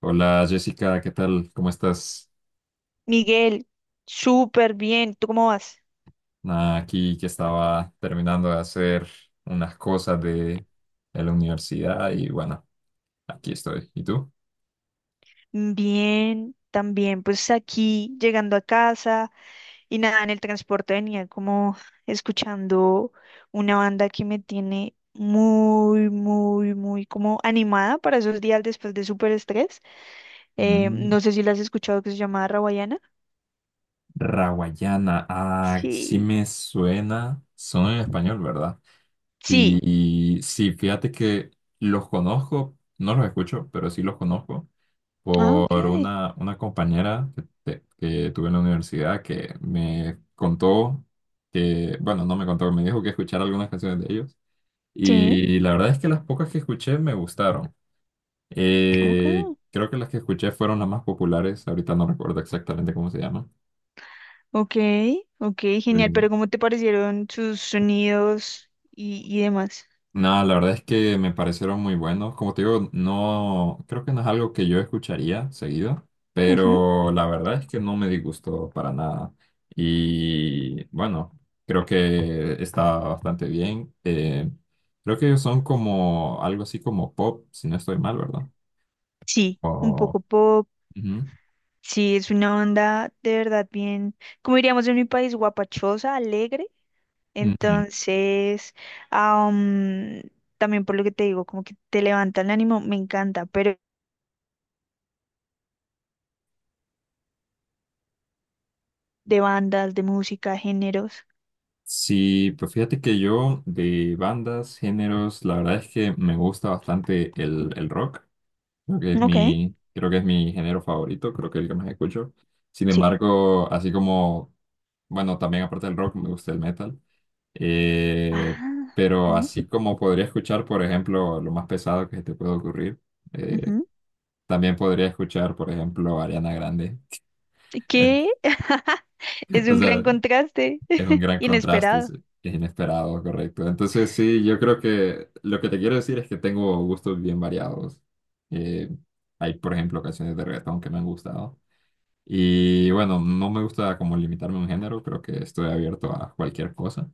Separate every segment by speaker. Speaker 1: Hola Jessica, ¿qué tal? ¿Cómo estás?
Speaker 2: Miguel, súper bien. ¿Tú cómo vas?
Speaker 1: Nada, aquí que estaba terminando de hacer unas cosas de la universidad y bueno, aquí estoy. ¿Y tú?
Speaker 2: Bien, también. Pues aquí, llegando a casa y nada, en el transporte venía como escuchando una banda que me tiene muy, muy, muy como animada para esos días después de súper estrés.
Speaker 1: Mm,
Speaker 2: No sé si la has escuchado, que se llama Rawayana.
Speaker 1: Rawayana, ah, sí
Speaker 2: Sí.
Speaker 1: me suena, son en español, ¿verdad?
Speaker 2: Sí.
Speaker 1: Y sí, fíjate que los conozco, no los escucho, pero sí los conozco,
Speaker 2: Ah, ok.
Speaker 1: por una compañera que tuve en la universidad que me contó que, bueno, no me contó, me dijo que escuchara algunas canciones de ellos.
Speaker 2: Sí,
Speaker 1: Y la verdad es que las pocas que escuché me gustaron.
Speaker 2: ok.
Speaker 1: Creo que las que escuché fueron las más populares, ahorita no recuerdo exactamente cómo se llaman.
Speaker 2: Ok, ok, genial. Pero ¿cómo te parecieron sus sonidos y demás?
Speaker 1: No, la verdad es que me parecieron muy buenos. Como te digo, no, creo que no es algo que yo escucharía seguido,
Speaker 2: Ujú.
Speaker 1: pero la verdad es que no me disgustó para nada. Y bueno, creo que está bastante bien. Creo que ellos son como algo así como pop, si no estoy mal, ¿verdad?
Speaker 2: Sí, un
Speaker 1: O,
Speaker 2: poco pop.
Speaker 1: ujú.
Speaker 2: Sí, es una onda de verdad bien, como diríamos en mi país, guapachosa, alegre.
Speaker 1: Ujú.
Speaker 2: Entonces, ah, mm, también por lo que te digo, como que te levanta el ánimo, me encanta. Pero de bandas, de música, géneros.
Speaker 1: Sí, pues fíjate que yo de bandas, géneros, la verdad es que me gusta bastante el rock. Creo que es
Speaker 2: Ok,
Speaker 1: creo que es mi género favorito, creo que es el que más escucho. Sin
Speaker 2: sí.
Speaker 1: embargo, así como, bueno, también aparte del rock, me gusta el metal. Eh,
Speaker 2: Ah,
Speaker 1: pero
Speaker 2: ok,
Speaker 1: así como podría escuchar, por ejemplo, lo más pesado que se te puede ocurrir, eh,
Speaker 2: ujú.
Speaker 1: también podría escuchar, por ejemplo, Ariana Grande.
Speaker 2: ¿Qué? Es
Speaker 1: O
Speaker 2: un gran
Speaker 1: sea,
Speaker 2: contraste,
Speaker 1: es un gran contraste,
Speaker 2: inesperado.
Speaker 1: es inesperado, correcto. Entonces, sí, yo creo que lo que te quiero decir es que tengo gustos bien variados. Eh, Hay, por ejemplo, canciones de reggaetón que me han gustado. Y bueno, no me gusta como limitarme a un género, creo que estoy abierto a cualquier cosa.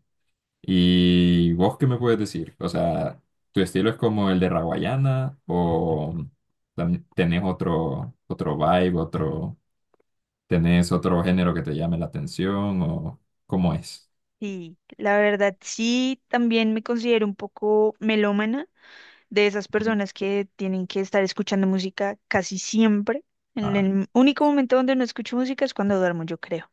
Speaker 1: ¿Y vos qué me puedes decir? O sea, ¿tu estilo es como el de Raguayana o tenés otro vibe, otro, tenés otro género que te llame la atención o cómo es?
Speaker 2: Sí, la verdad sí, también me considero un poco melómana, de esas personas que tienen que estar escuchando música casi siempre. El,
Speaker 1: Ah,
Speaker 2: el único momento donde no escucho música es cuando duermo, yo creo.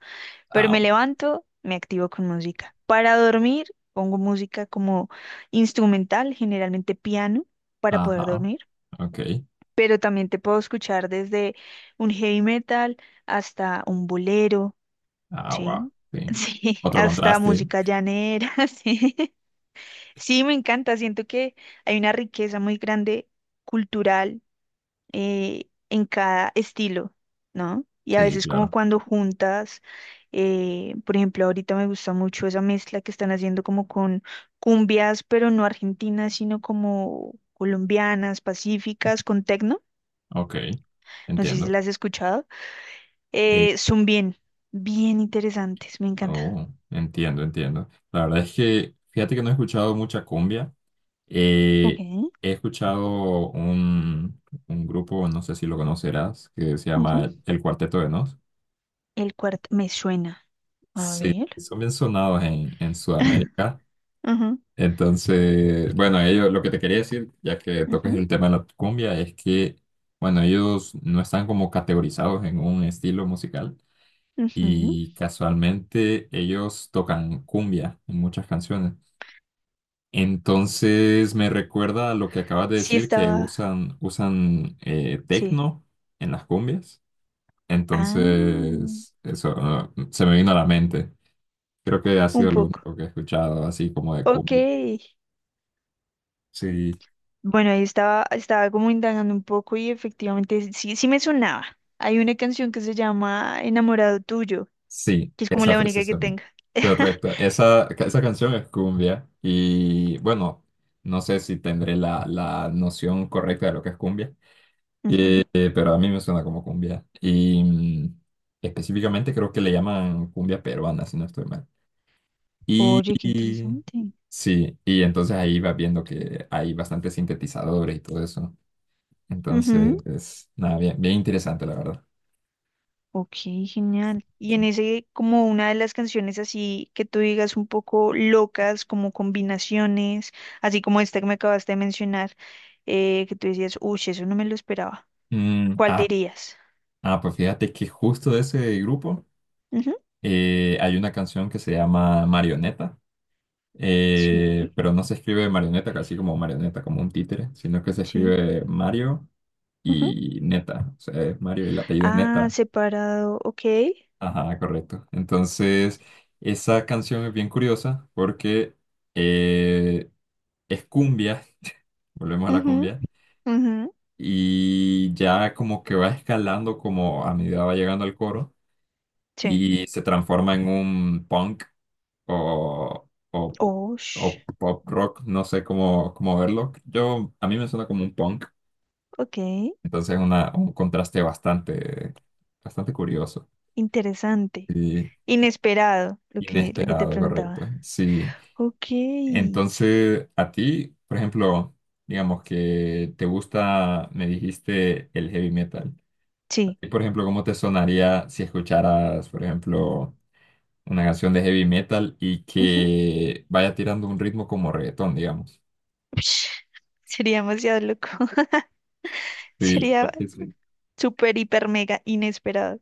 Speaker 2: Pero me
Speaker 1: agua.
Speaker 2: levanto, me activo con música. Para dormir, pongo música como instrumental, generalmente piano, para poder
Speaker 1: Ajá,
Speaker 2: dormir.
Speaker 1: ok.
Speaker 2: Pero también te puedo escuchar desde un heavy metal hasta un bolero,
Speaker 1: Agua,
Speaker 2: ¿sí?
Speaker 1: sí.
Speaker 2: Sí,
Speaker 1: Otro
Speaker 2: hasta
Speaker 1: contraste.
Speaker 2: música llanera, sí. Sí, me encanta. Siento que hay una riqueza muy grande cultural, en cada estilo, ¿no? Y a
Speaker 1: Sí,
Speaker 2: veces como
Speaker 1: claro.
Speaker 2: cuando juntas, por ejemplo, ahorita me gusta mucho esa mezcla que están haciendo como con cumbias, pero no argentinas, sino como colombianas, pacíficas, con tecno.
Speaker 1: Ok,
Speaker 2: No sé si
Speaker 1: entiendo.
Speaker 2: las has escuchado. Son bien, bien interesantes. Me encanta.
Speaker 1: Oh, entiendo, entiendo. La verdad es que, fíjate que no he escuchado mucha cumbia.
Speaker 2: Ok.
Speaker 1: Eh, He escuchado un grupo, no sé si lo conocerás, que se
Speaker 2: Ujú.
Speaker 1: llama El Cuarteto de Nos.
Speaker 2: El cuarto me suena. A
Speaker 1: Sí,
Speaker 2: ver.
Speaker 1: son bien sonados en Sudamérica.
Speaker 2: Ajá,
Speaker 1: Entonces, bueno, ellos, lo que te quería decir, ya que
Speaker 2: ajá.
Speaker 1: tocas el tema de la cumbia, es que, bueno, ellos no están como categorizados en un estilo musical
Speaker 2: Ujú.
Speaker 1: y casualmente ellos tocan cumbia en muchas canciones. Entonces me recuerda a lo que acabas de
Speaker 2: Sí
Speaker 1: decir, que
Speaker 2: estaba,
Speaker 1: usan
Speaker 2: sí.
Speaker 1: tecno en las cumbias.
Speaker 2: Ah,
Speaker 1: Entonces, eso se me vino a la mente. Creo que ha
Speaker 2: un
Speaker 1: sido lo
Speaker 2: poco.
Speaker 1: único que he escuchado, así como de
Speaker 2: Ok.
Speaker 1: cumbia. Sí,
Speaker 2: Bueno, ahí estaba, estaba como indagando un poco y efectivamente sí, sí me sonaba. Hay una canción que se llama Enamorado Tuyo,
Speaker 1: sí,
Speaker 2: que es como
Speaker 1: esa
Speaker 2: la única que
Speaker 1: precisamente.
Speaker 2: tenga.
Speaker 1: Correcto. Esa canción es cumbia. Y bueno, no sé si tendré la noción correcta de lo que es cumbia.
Speaker 2: Ujú.
Speaker 1: Pero a mí me suena como cumbia. Y mm, específicamente creo que le llaman cumbia peruana, si no estoy mal. Y,
Speaker 2: Oye, qué
Speaker 1: y-
Speaker 2: interesante.
Speaker 1: sí, y entonces ahí vas viendo que hay bastantes sintetizadores y todo eso.
Speaker 2: Ujú.
Speaker 1: Entonces, es, nada, bien, bien interesante, la verdad.
Speaker 2: Ok, genial. Y
Speaker 1: Sí.
Speaker 2: en ese, como una de las canciones así que tú digas un poco locas, como combinaciones, así como esta que me acabaste de mencionar, que tú decías, uy, eso no me lo esperaba.
Speaker 1: Mm,
Speaker 2: ¿Cuál
Speaker 1: ah,
Speaker 2: dirías?
Speaker 1: ah, pues fíjate que justo de ese grupo
Speaker 2: Ujú.
Speaker 1: hay una canción que se llama Marioneta,
Speaker 2: Sí,
Speaker 1: pero no se escribe marioneta, casi como marioneta, como un títere, sino que se
Speaker 2: sí.
Speaker 1: escribe Mario
Speaker 2: Ujú.
Speaker 1: y Neta, o sea, es Mario y el apellido es
Speaker 2: Ah,
Speaker 1: Neta.
Speaker 2: separado, ok.
Speaker 1: Ajá, correcto. Entonces, esa canción es bien curiosa porque eh, es cumbia, volvemos a la
Speaker 2: Ujú,
Speaker 1: cumbia,
Speaker 2: ujú.
Speaker 1: y ya como que va escalando como a medida va llegando al coro
Speaker 2: Sí.
Speaker 1: y se transforma en un punk o, o,
Speaker 2: Oh, sh-
Speaker 1: o pop rock, no sé cómo, cómo verlo. Yo, a mí me suena como un punk,
Speaker 2: ok.
Speaker 1: entonces es una, un contraste bastante, bastante curioso.
Speaker 2: Interesante.
Speaker 1: Sí.
Speaker 2: Inesperado, lo que te
Speaker 1: Inesperado,
Speaker 2: preguntaba.
Speaker 1: correcto. Sí.
Speaker 2: Ok.
Speaker 1: Entonces, a ti, por ejemplo, digamos que te gusta, me dijiste el heavy metal. A
Speaker 2: Sí.
Speaker 1: ti, por ejemplo, ¿cómo te sonaría si escucharas, por ejemplo, una canción de heavy metal y
Speaker 2: Ujú.
Speaker 1: que vaya tirando un ritmo como reggaetón, digamos?
Speaker 2: Ush, sería demasiado loco.
Speaker 1: Sí, la
Speaker 2: Sería
Speaker 1: verdad que sí.
Speaker 2: súper, hiper, mega inesperado.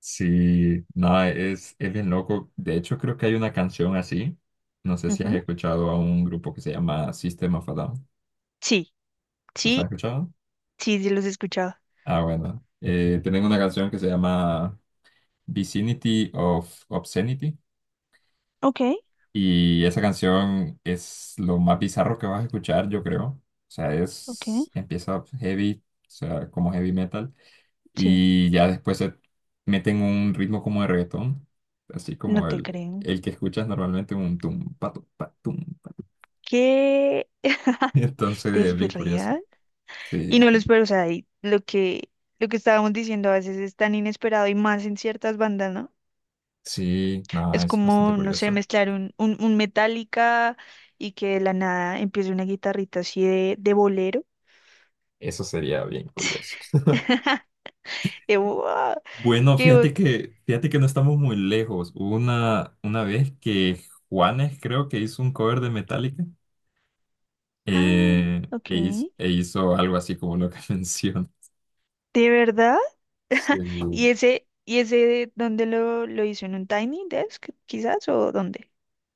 Speaker 1: Sí, no, es bien loco. De hecho, creo que hay una canción así. No sé si has
Speaker 2: Ujú.
Speaker 1: escuchado a un grupo que se llama System of a Down.
Speaker 2: Sí,
Speaker 1: ¿Los has
Speaker 2: sí,
Speaker 1: escuchado?
Speaker 2: sí, sí los he escuchado.
Speaker 1: Ah, bueno. Tienen una canción que se llama Vicinity of Obscenity
Speaker 2: Ok,
Speaker 1: y esa canción es lo más bizarro que vas a escuchar, yo creo. O sea,
Speaker 2: ok,
Speaker 1: es, empieza heavy, o sea, como heavy metal
Speaker 2: sí,
Speaker 1: y ya después se meten un ritmo como de reggaetón, así
Speaker 2: no
Speaker 1: como
Speaker 2: te creo.
Speaker 1: el que escuchas normalmente un tumpa, tumpa, tumpa.
Speaker 2: ¿Qué?
Speaker 1: Entonces
Speaker 2: ¿Te
Speaker 1: es bien curioso. Sí,
Speaker 2: Y no lo espero, o sea, y lo que estábamos diciendo a veces es tan inesperado y más en ciertas bandas, ¿no?
Speaker 1: sí, no,
Speaker 2: Es
Speaker 1: es bastante
Speaker 2: como, no sé,
Speaker 1: curioso.
Speaker 2: mezclar un, un Metallica y que de la nada empiece una guitarrita así de bolero.
Speaker 1: Eso sería bien curioso.
Speaker 2: Y, ¡guau!
Speaker 1: Bueno,
Speaker 2: ¡Qué ot-
Speaker 1: fíjate que no estamos muy lejos. Hubo una vez que Juanes creo que hizo un cover de Metallica
Speaker 2: Ah, ok.
Speaker 1: e hizo algo así como lo que mencionas.
Speaker 2: ¿De verdad?
Speaker 1: Sí.
Speaker 2: Y ese dónde lo hizo? ¿En un Tiny Desk, quizás? ¿O dónde?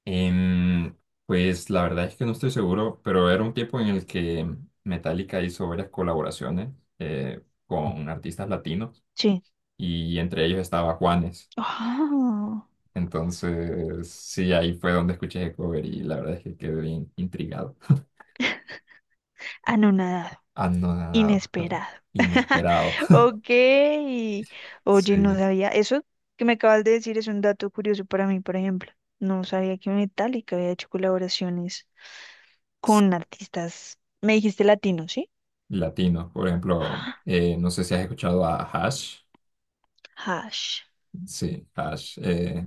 Speaker 1: Em, pues la verdad es que no estoy seguro, pero era un tiempo en el que Metallica hizo varias colaboraciones con artistas latinos
Speaker 2: Sí.
Speaker 1: y entre ellos estaba Juanes.
Speaker 2: Oh,
Speaker 1: Entonces, sí, ahí fue donde escuché el cover y la verdad es que quedé bien intrigado.
Speaker 2: anonadado.
Speaker 1: Anonadado, claro.
Speaker 2: Inesperado.
Speaker 1: Inesperado.
Speaker 2: Ok. Oye, no
Speaker 1: Sí.
Speaker 2: sabía. Eso que me acabas de decir es un dato curioso para mí, por ejemplo. No sabía que Metallica había hecho colaboraciones con artistas. Me dijiste latino, ¿sí?
Speaker 1: Latinos, por ejemplo, no sé si has escuchado a Hash.
Speaker 2: Ah, Hash.
Speaker 1: Sí, Hash.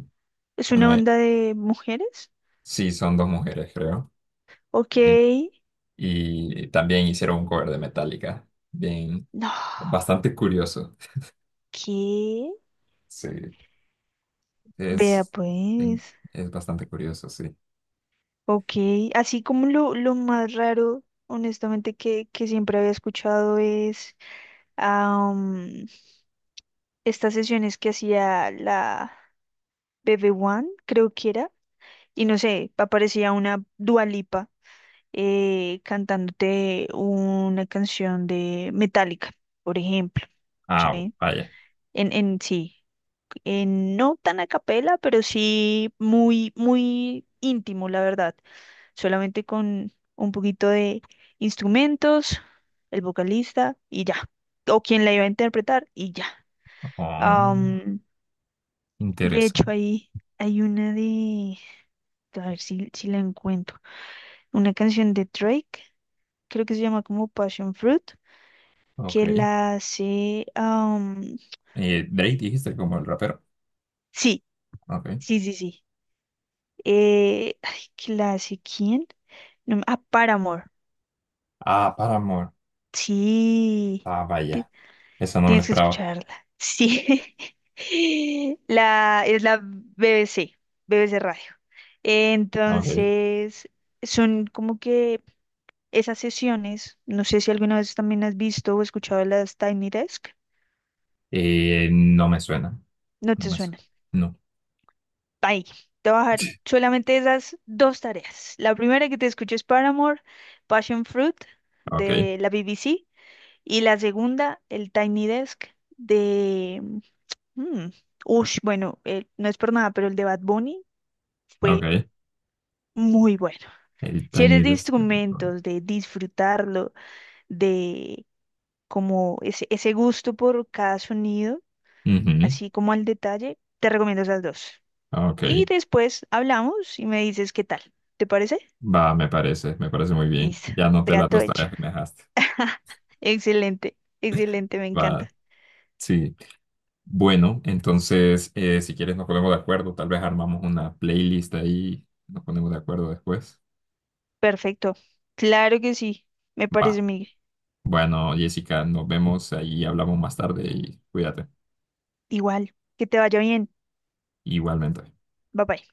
Speaker 2: ¿Es una
Speaker 1: bueno, eh,
Speaker 2: banda de mujeres?
Speaker 1: sí, son dos mujeres, creo.
Speaker 2: Ok.
Speaker 1: Sí. Y también hicieron un cover de Metallica. Bien,
Speaker 2: No.
Speaker 1: bastante curioso.
Speaker 2: ¿Qué?
Speaker 1: Sí,
Speaker 2: Vea
Speaker 1: es,
Speaker 2: pues.
Speaker 1: es bastante curioso, sí.
Speaker 2: Ok. Así como lo más raro, honestamente, que siempre había escuchado es estas sesiones que hacía la bb One, creo que era, y no sé, aparecía una Dua Lipa, cantándote una canción de Metallica, por ejemplo,
Speaker 1: Ah,
Speaker 2: ¿sí?
Speaker 1: vaya.
Speaker 2: En sí, en, no tan a capela, pero sí muy, muy íntimo, la verdad, solamente con un poquito de instrumentos, el vocalista y ya, o quien la iba a interpretar y ya.
Speaker 1: Oh,
Speaker 2: De hecho,
Speaker 1: interesante.
Speaker 2: ahí hay una de... A ver si, si la encuentro. Una canción de Drake, creo que se llama como Passion Fruit,
Speaker 1: Ok.
Speaker 2: que la hace...
Speaker 1: Drake dijiste como el rapero.
Speaker 2: sí,
Speaker 1: Ok.
Speaker 2: sí, sí, sí. ¿Que la hace quién? No me- ah, Paramore.
Speaker 1: Ah, Paramore.
Speaker 2: Sí.
Speaker 1: Ah,
Speaker 2: Ti-
Speaker 1: vaya. Esa no me la
Speaker 2: Tienes que
Speaker 1: esperaba.
Speaker 2: escucharla. Sí. La, es la BBC, BBC Radio.
Speaker 1: Ok.
Speaker 2: Entonces, son como que esas sesiones, no sé si alguna vez también has visto o escuchado de las Tiny Desk,
Speaker 1: No me suena.
Speaker 2: no
Speaker 1: No
Speaker 2: te
Speaker 1: me suena.
Speaker 2: suena.
Speaker 1: No.
Speaker 2: Ahí, te voy a dejar solamente esas dos tareas. La primera que te escucho es Paramore, Passion Fruit
Speaker 1: Ok.
Speaker 2: de la BBC, y la segunda, el Tiny Desk de... mm, bueno, no es por nada, pero el de Bad Bunny fue
Speaker 1: Ok.
Speaker 2: muy bueno.
Speaker 1: El
Speaker 2: Si
Speaker 1: Tiny
Speaker 2: eres de
Speaker 1: Desk.
Speaker 2: instrumentos, de disfrutarlo, de como ese gusto por cada sonido,
Speaker 1: Ujú.
Speaker 2: así como al detalle, te recomiendo esas dos. Y
Speaker 1: Ok.
Speaker 2: después hablamos y me dices qué tal. ¿Te parece?
Speaker 1: Va, me parece. Me parece muy bien.
Speaker 2: Listo,
Speaker 1: Ya anoté las
Speaker 2: trato
Speaker 1: dos
Speaker 2: hecho.
Speaker 1: tareas que me dejaste.
Speaker 2: Excelente, excelente, me encanta.
Speaker 1: Va. Sí. Bueno, entonces, si quieres nos ponemos de acuerdo. Tal vez armamos una playlist ahí. Nos ponemos de acuerdo después.
Speaker 2: Perfecto. Claro que sí, me parece,
Speaker 1: Va.
Speaker 2: Miguel.
Speaker 1: Bueno, Jessica, nos vemos ahí. Hablamos más tarde y cuídate.
Speaker 2: Igual, que te vaya bien.
Speaker 1: Igualmente.
Speaker 2: Bye bye.